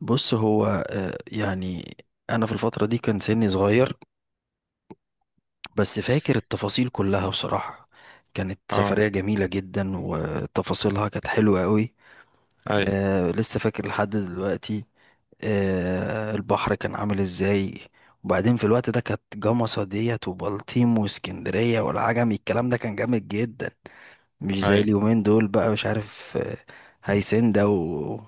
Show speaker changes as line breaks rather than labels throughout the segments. بص هو يعني انا في الفتره دي كان سني صغير، بس فاكر التفاصيل كلها بصراحه. كانت
اه.
سفريه جميله جدا وتفاصيلها كانت حلوه قوي.
اي.
لسه فاكر لحد دلوقتي. البحر كان عامل ازاي؟ وبعدين في الوقت ده كانت جمصة ديت وبلطيم واسكندريه والعجمي، الكلام ده كان جامد جدا، مش زي
اي.
اليومين دول بقى، مش عارف. هيسندا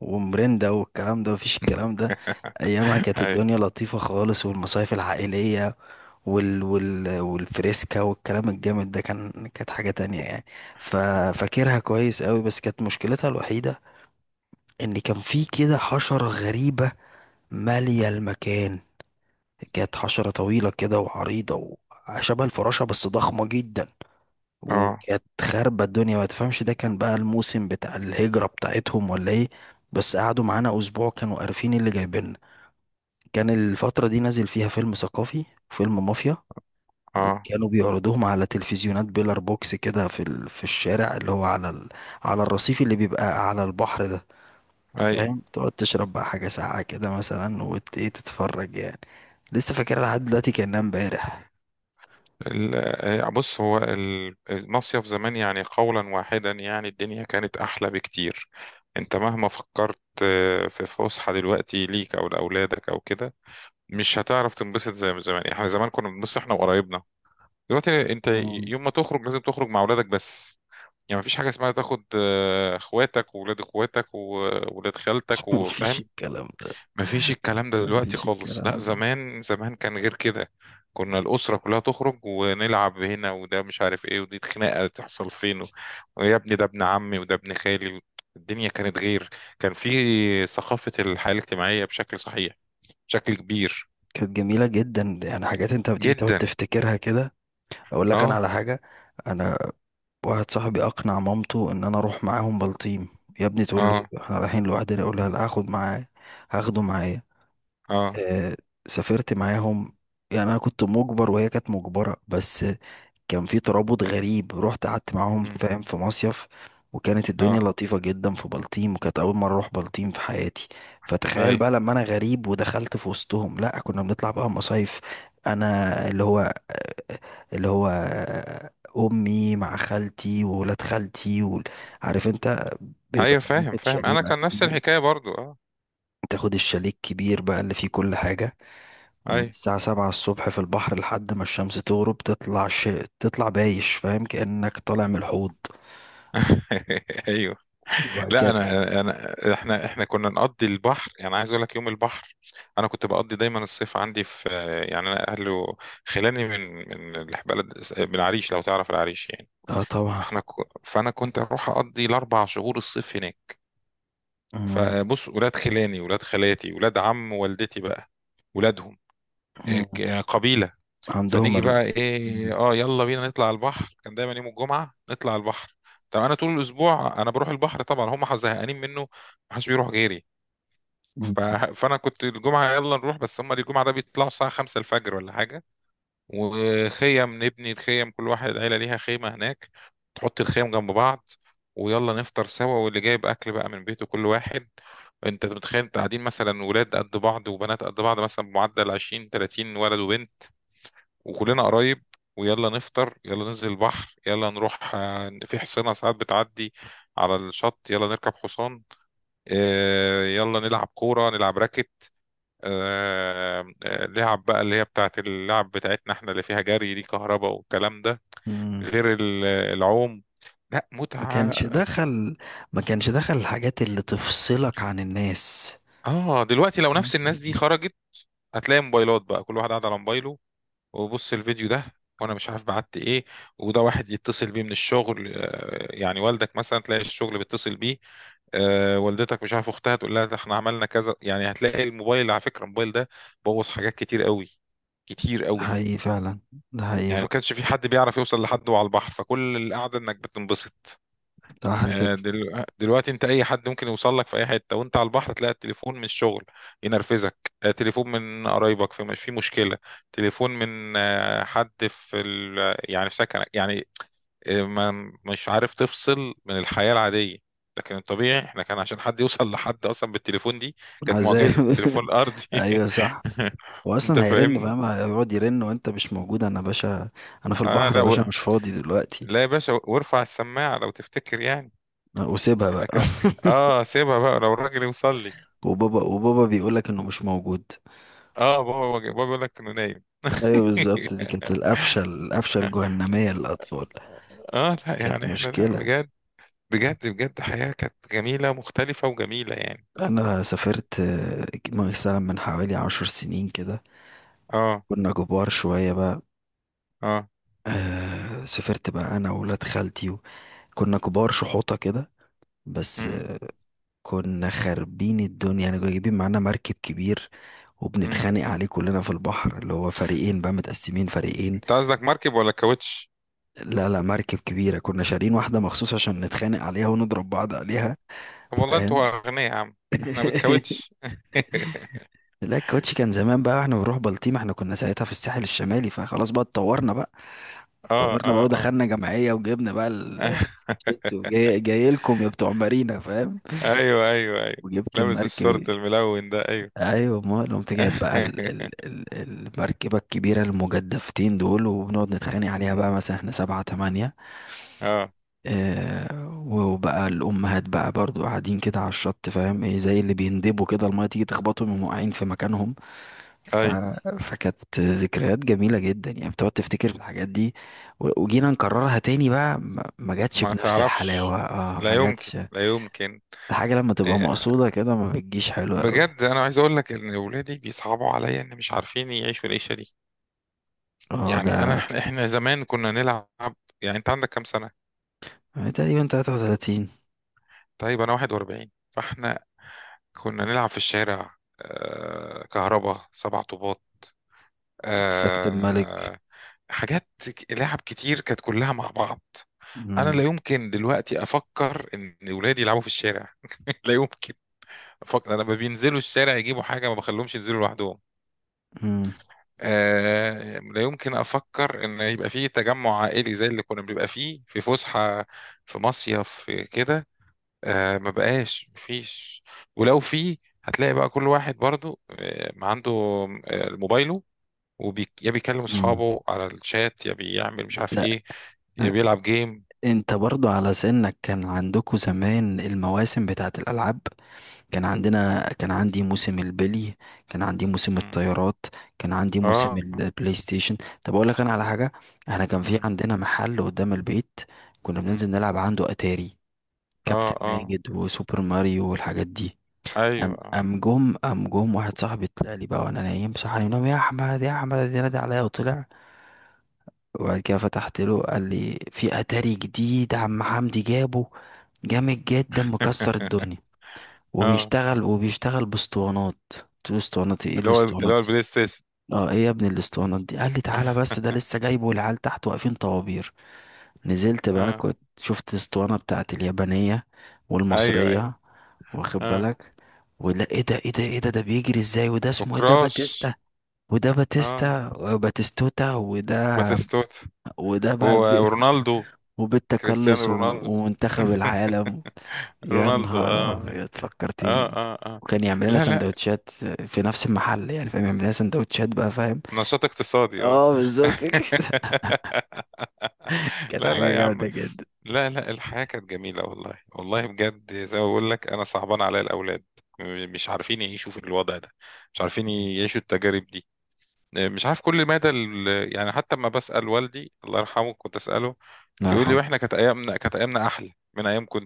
ومرندا والكلام ده، مفيش الكلام ده. ايامها كانت
اي.
الدنيا لطيفة خالص، والمصايف العائلية والفريسكا والكلام الجامد ده كانت حاجة تانية يعني. ف... فاكرها كويس قوي، بس كانت مشكلتها الوحيدة ان كان في كده حشرة غريبة مالية المكان. كانت حشرة طويلة كده وعريضة، وشبه الفراشة بس ضخمة جدا،
اه.
وكانت خاربة الدنيا. ما تفهمش ده كان بقى الموسم بتاع الهجرة بتاعتهم ولا ايه. بس قعدوا معانا اسبوع، كانوا عارفين اللي جايبيننا. كان الفترة دي نازل فيها فيلم ثقافي، فيلم مافيا،
اه.
وكانوا بيعرضوهم على تلفزيونات بيلر بوكس كده في الشارع اللي هو على الرصيف اللي بيبقى على البحر ده.
اي.
فاهم، تقعد تشرب بقى حاجة ساقعة كده مثلا، وت... ايه تتفرج يعني. لسه فاكرها لحد دلوقتي كأنها امبارح.
ال- بص هو المصيف زمان، يعني قولا واحدا، يعني الدنيا كانت احلى بكتير. انت مهما فكرت في فسحة دلوقتي ليك او لاولادك او كده، مش هتعرف تنبسط زي ما زمان. احنا زمان كنا بنبص احنا وقرايبنا. دلوقتي انت
مم.
يوم ما تخرج لازم تخرج مع اولادك بس، يعني مفيش حاجة اسمها تاخد اخواتك واولاد اخواتك وولاد خالتك
مفيش
وفاهم.
الكلام ده،
مفيش الكلام ده دلوقتي
مفيش
خالص. لا،
الكلام ده.
زمان زمان كان غير كده. كنا الأسرة كلها تخرج ونلعب هنا، وده مش عارف ايه، ودي خناقة تحصل فين، ويا ابني ده ابن عمي وده ابن خالي. الدنيا كانت غير. كان في ثقافة الحياة الاجتماعية بشكل صحيح، بشكل كبير.
كانت جميلة جدا، يعني حاجات انت بتيجي تقعد
جدا.
تفتكرها كده. اقول لك انا
اه.
على حاجة. انا واحد صاحبي اقنع مامته ان انا اروح معاهم بلطيم. يا ابني تقول له
اه.
احنا رايحين لوحدنا، يقول لها لا، هاخده معايا.
اه.
آه سافرت معاهم. يعني انا كنت مجبر وهي كانت مجبرة، بس كان في ترابط غريب، رحت قعدت معاهم
مم.
فاهم في مصيف. وكانت الدنيا
اه.
لطيفة جدا في بلطيم، وكانت أول مرة أروح بلطيم في حياتي. فتخيل
اي.
بقى لما أنا غريب ودخلت في وسطهم. لأ كنا بنطلع بقى مصايف، أنا اللي هو أمي مع خالتي وولاد خالتي عارف أنت. بيبقى
ايوه فاهم،
بناخد
فاهم،
شاليه
انا
بقى
كان نفس
كبير،
الحكاية برضو. اه.
تاخد الشاليه الكبير بقى اللي فيه كل حاجة، ومن
اي.
الساعة سبعة الصبح في البحر لحد ما الشمس تغرب. تطلع تطلع بايش، فاهم، كأنك طالع من الحوض.
ايوه.
وبعد
لا،
كده،
انا احنا كنا نقضي البحر، يعني عايز اقول لك يوم البحر. انا كنت بقضي دايما الصيف عندي في، يعني انا اهله خلاني من بلد، من العريش، لو تعرف العريش يعني.
اه طبعا.
فاحنا فانا كنت اروح اقضي الاربع شهور الصيف هناك.
مم.
فبص، ولاد خلاني، ولاد خالاتي، ولاد عم والدتي بقى، ولادهم إيه،
مم.
قبيله.
عندهم
فنيجي
ال.
بقى
مم.
ايه، اه يلا بينا نطلع على البحر. كان دايما يوم الجمعه نطلع على البحر. طب انا طول الاسبوع انا بروح البحر طبعا، هم زهقانين منه، محدش بيروح غيري.
مم.
ف... فانا كنت الجمعه يلا نروح، بس هم الجمعه ده بيطلعوا الساعه 5 الفجر ولا حاجه. وخيم نبني الخيم، كل واحد العيله ليها خيمه هناك، تحط الخيم جنب بعض، ويلا نفطر سوا، واللي جايب اكل بقى من بيته كل واحد. انت متخيل، انت قاعدين مثلا ولاد قد بعض وبنات قد بعض، مثلا بمعدل 20 30 ولد وبنت، وكلنا قرايب. ويلا نفطر، يلا ننزل البحر، يلا نروح، في حصينة ساعات بتعدي على الشط، يلا نركب حصان، يلا نلعب كورة نلعب راكت، آه، لعب بقى اللي هي بتاعت اللعب بتاعتنا احنا، اللي فيها جري، دي كهرباء والكلام ده،
مم.
غير العوم. لا
ما
متعة.
كانش دخل، ما كانش دخل الحاجات اللي تفصلك عن الناس.
اه.
ما
دلوقتي لو نفس
كانش
الناس دي
في-.
خرجت، هتلاقي موبايلات بقى، كل واحد قاعد على موبايله، وبص الفيديو ده، وانا مش عارف بعت ايه، وده واحد يتصل بيه من الشغل، يعني والدك مثلا تلاقي الشغل بيتصل بيه، والدتك مش عارف اختها تقول لها ده احنا عملنا كذا، يعني هتلاقي الموبايل. على فكرة الموبايل ده بوظ حاجات كتير قوي، كتير
ده
قوي.
حقيقي فعلا، ده حقيقي
يعني ما
فعلا.
كانش في حد بيعرف يوصل لحد وهو على البحر، فكل القعده انك بتنبسط.
صح كده.
دلوقتي انت اي حد ممكن يوصل لك في اي حته وانت على البحر، تلاقي التليفون من الشغل ينرفزك، تليفون من قرايبك في مشكله، تليفون من حد يعني في سكنك يعني، ما مش عارف تفصل من الحياه العاديه. لكن الطبيعي احنا، كان عشان حد يوصل لحد اصلا بالتليفون دي كانت
عذاب.
معجزه، تليفون ارضي.
ايوه صح.
انت
واصلا هيرن
فاهمني.
فاهم، هيقعد يرن وانت مش موجود. انا باشا، انا في
اه،
البحر يا باشا، مش فاضي دلوقتي.
لا يا باشا، وارفع السماعه لو تفتكر يعني.
أه، وسيبها
انا
بقى.
كان اه، سيبها بقى لو الراجل يوصل لي.
وبابا بيقولك انه مش موجود.
اه، بابا بيقول لك انه نايم.
ايوه بالظبط، دي كانت القفشه الجهنميه للاطفال.
اه لا،
كانت
يعني احنا، لا
مشكله.
بجد، بجد بجد حياة كانت جميلة مختلفة وجميلة يعني.
انا سافرت مثلا من حوالي عشر سنين كده.
اه.
كنا كبار شويه بقى.
اه.
سافرت بقى انا وولاد خالتي كنا كبار شحوطه كده. بس
امم.
كنا خاربين الدنيا يعني، كنا جايبين معانا مركب كبير،
امم.
وبنتخانق عليه كلنا في البحر، اللي هو فريقين بقى، متقسمين فريقين.
انت قصدك مركب ولا كاوتش؟
لا لا، مركب كبيرة كنا شارين واحدة مخصوص عشان نتخانق عليها ونضرب بعض عليها،
طب والله
فاهم.
انتوا اغنياء يا عم. احنا بالكاوتش.
لا، الكاوتش كان زمان بقى، احنا بنروح بلطيم، احنا كنا ساعتها في الساحل الشمالي، فخلاص بقى اتطورنا بقى
اه.
اتطورنا بقى
اه. اه.
ودخلنا جمعية وجبنا بقى الشت، وجاي جاي لكم يا بتوع مارينا فاهم.
ايوه. ايوه. ايوه.
وجبت
لابس
المركب.
الشورت الملون ده، ايوه.
ايوه امال، قمت جايب بقى ال ال ال المركبة الكبيرة المجدفتين دول، وبنقعد نتخانق عليها
مم.
بقى مثلا احنا سبعة تمانية،
اه.
اه. وبقى الأمهات بقى برضو قاعدين كده على الشط فاهم ايه، زي اللي بيندبوا كده، المية تيجي تخبطهم يقوموا واقعين في مكانهم. ف...
ايوه.
فكانت ذكريات جميلة جدا يعني، بتقعد تفتكر في الحاجات دي. وجينا نكررها تاني بقى، ما جاتش
ما
بنفس
تعرفش.
الحلاوة، اه
لا
ما
يمكن،
جاتش.
لا يمكن.
الحاجة لما تبقى
آه،
مقصودة كده ما بتجيش حلوة قوي.
بجد انا عايز اقول لك ان اولادي بيصعبوا عليا ان مش عارفين يعيشوا العيشه دي،
اه ده،
يعني انا، إحنا زمان كنا نلعب. يعني انت عندك كام سنه؟
تقريبا 33.
طيب انا 41، فاحنا كنا نلعب في الشارع، كهربا، سبع طوبات،
سكت الملك.
آه، حاجات لعب كتير كانت كلها مع بعض. انا
مم.
لا يمكن دلوقتي افكر ان ولادي يلعبوا في الشارع، لا يمكن. لما بينزلوا الشارع يجيبوا حاجة، ما بخليهمش ينزلوا لوحدهم.
مم.
لا يمكن أفكر إن يبقى فيه تجمع عائلي زي اللي كنا بنبقى فيه في فسحة، في مصيف، في كده. ما بقاش، مفيش. ولو فيه هتلاقي بقى كل واحد برضو ما عنده موبايله، يا بيكلم
مم.
أصحابه على الشات، يا بيعمل مش عارف
لا.
إيه، يا بيلعب جيم.
انت برضو على سنك كان عندكم زمان المواسم بتاعت الألعاب. كان عندنا، كان عندي موسم البلي، كان عندي موسم
مم.
الطيارات، كان عندي موسم
اه.
البلاي ستيشن. طب اقول لك انا على حاجه. احنا كان في
مم.
عندنا محل قدام البيت، كنا بننزل
مم.
نلعب عنده اتاري،
اه.
كابتن
اه.
ماجد وسوبر ماريو والحاجات دي. ام
ايوه.
ام جم ام جم واحد صاحبي طلع لي بقى وانا نايم، صح علي، نام يا احمد يا احمد، نادى عليا وطلع. وبعد كده فتحت له، قال لي في اتاري جديد عم حمدي جابه، جامد جدا مكسر الدنيا،
اه.
وبيشتغل باسطوانات. قلت له اسطوانات ايه، إيه
اللي هو اللي
الاسطوانات
هو
دي.
البلاي ستيشن.
اه ايه يا ابني الاسطوانات دي، قال لي تعالى، بس ده لسه جايبه والعيال تحت واقفين طوابير. نزلت بقى،
اه.
كنت شفت الاسطوانة بتاعت اليابانية
ايوه. ايوه.
والمصرية، واخد
اه
بالك؟ ولا ايه ده، ايه ده، ايه ده، ده بيجري ازاي، وده اسمه ايه، ده
وكراش.
باتيستا، وده
اه.
باتيستا باتيستوتا، وده
باتيستوتا
وده بقى،
ورونالدو. كريستيانو
وبالتكلس
رونالدو.
ومنتخب العالم. يا
رونالدو،
نهار
اه.
أبيض
اه.
فكرتني.
اه. اه.
وكان يعمل لنا
لا لا.
سندوتشات في نفس المحل، يعني فاهم، يعمل لنا سندوتشات بقى فاهم.
نشاط اقتصادي، اه.
اه بالظبط كده. كانت
لا
حاجة
لا يا
جامدة
عم.
جدا.
لا لا، الحياة كانت جميلة، والله والله بجد، زي ما بقول لك انا صعبان عليا الاولاد، مش عارفين يعيشوا في الوضع ده، مش عارفين يعيشوا التجارب دي. مش عارف كل مدى يعني، حتى لما بسأل والدي الله يرحمه كنت أسأله،
الله
يقول لي
يرحمه.
واحنا كانت ايامنا احلى من ايامكم.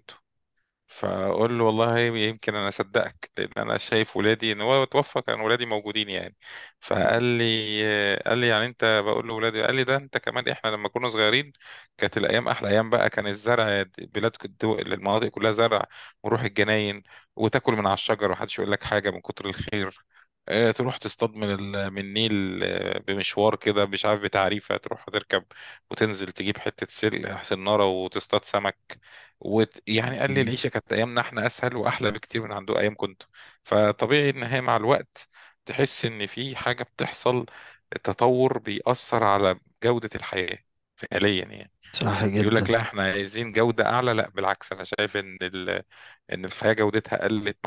فاقول له والله يمكن انا اصدقك، لان انا شايف ولادي، ان هو توفى كان ولادي موجودين يعني. فقال لي، قال لي يعني انت بقول له ولادي، قال لي ده انت كمان، احنا لما كنا صغيرين كانت الايام احلى ايام بقى. كان الزرع، المناطق كلها زرع، ونروح الجناين، وتاكل من على الشجر ومحدش يقول لك حاجه من كتر الخير. تروح تصطاد من النيل، بمشوار كده مش عارف بتعريفه، تروح تركب وتنزل تجيب حته سلق سناره وتصطاد سمك. ويعني قال لي العيشة كانت، أيامنا إحنا أسهل وأحلى بكتير من عنده أيام كنت. فطبيعي إن هي مع الوقت تحس إن في حاجة بتحصل، التطور بيأثر على جودة الحياة فعليا يعني.
صح
يقول لك
جدا.
لا إحنا عايزين جودة أعلى، لا بالعكس، أنا شايف إن إن الحياة جودتها قلت.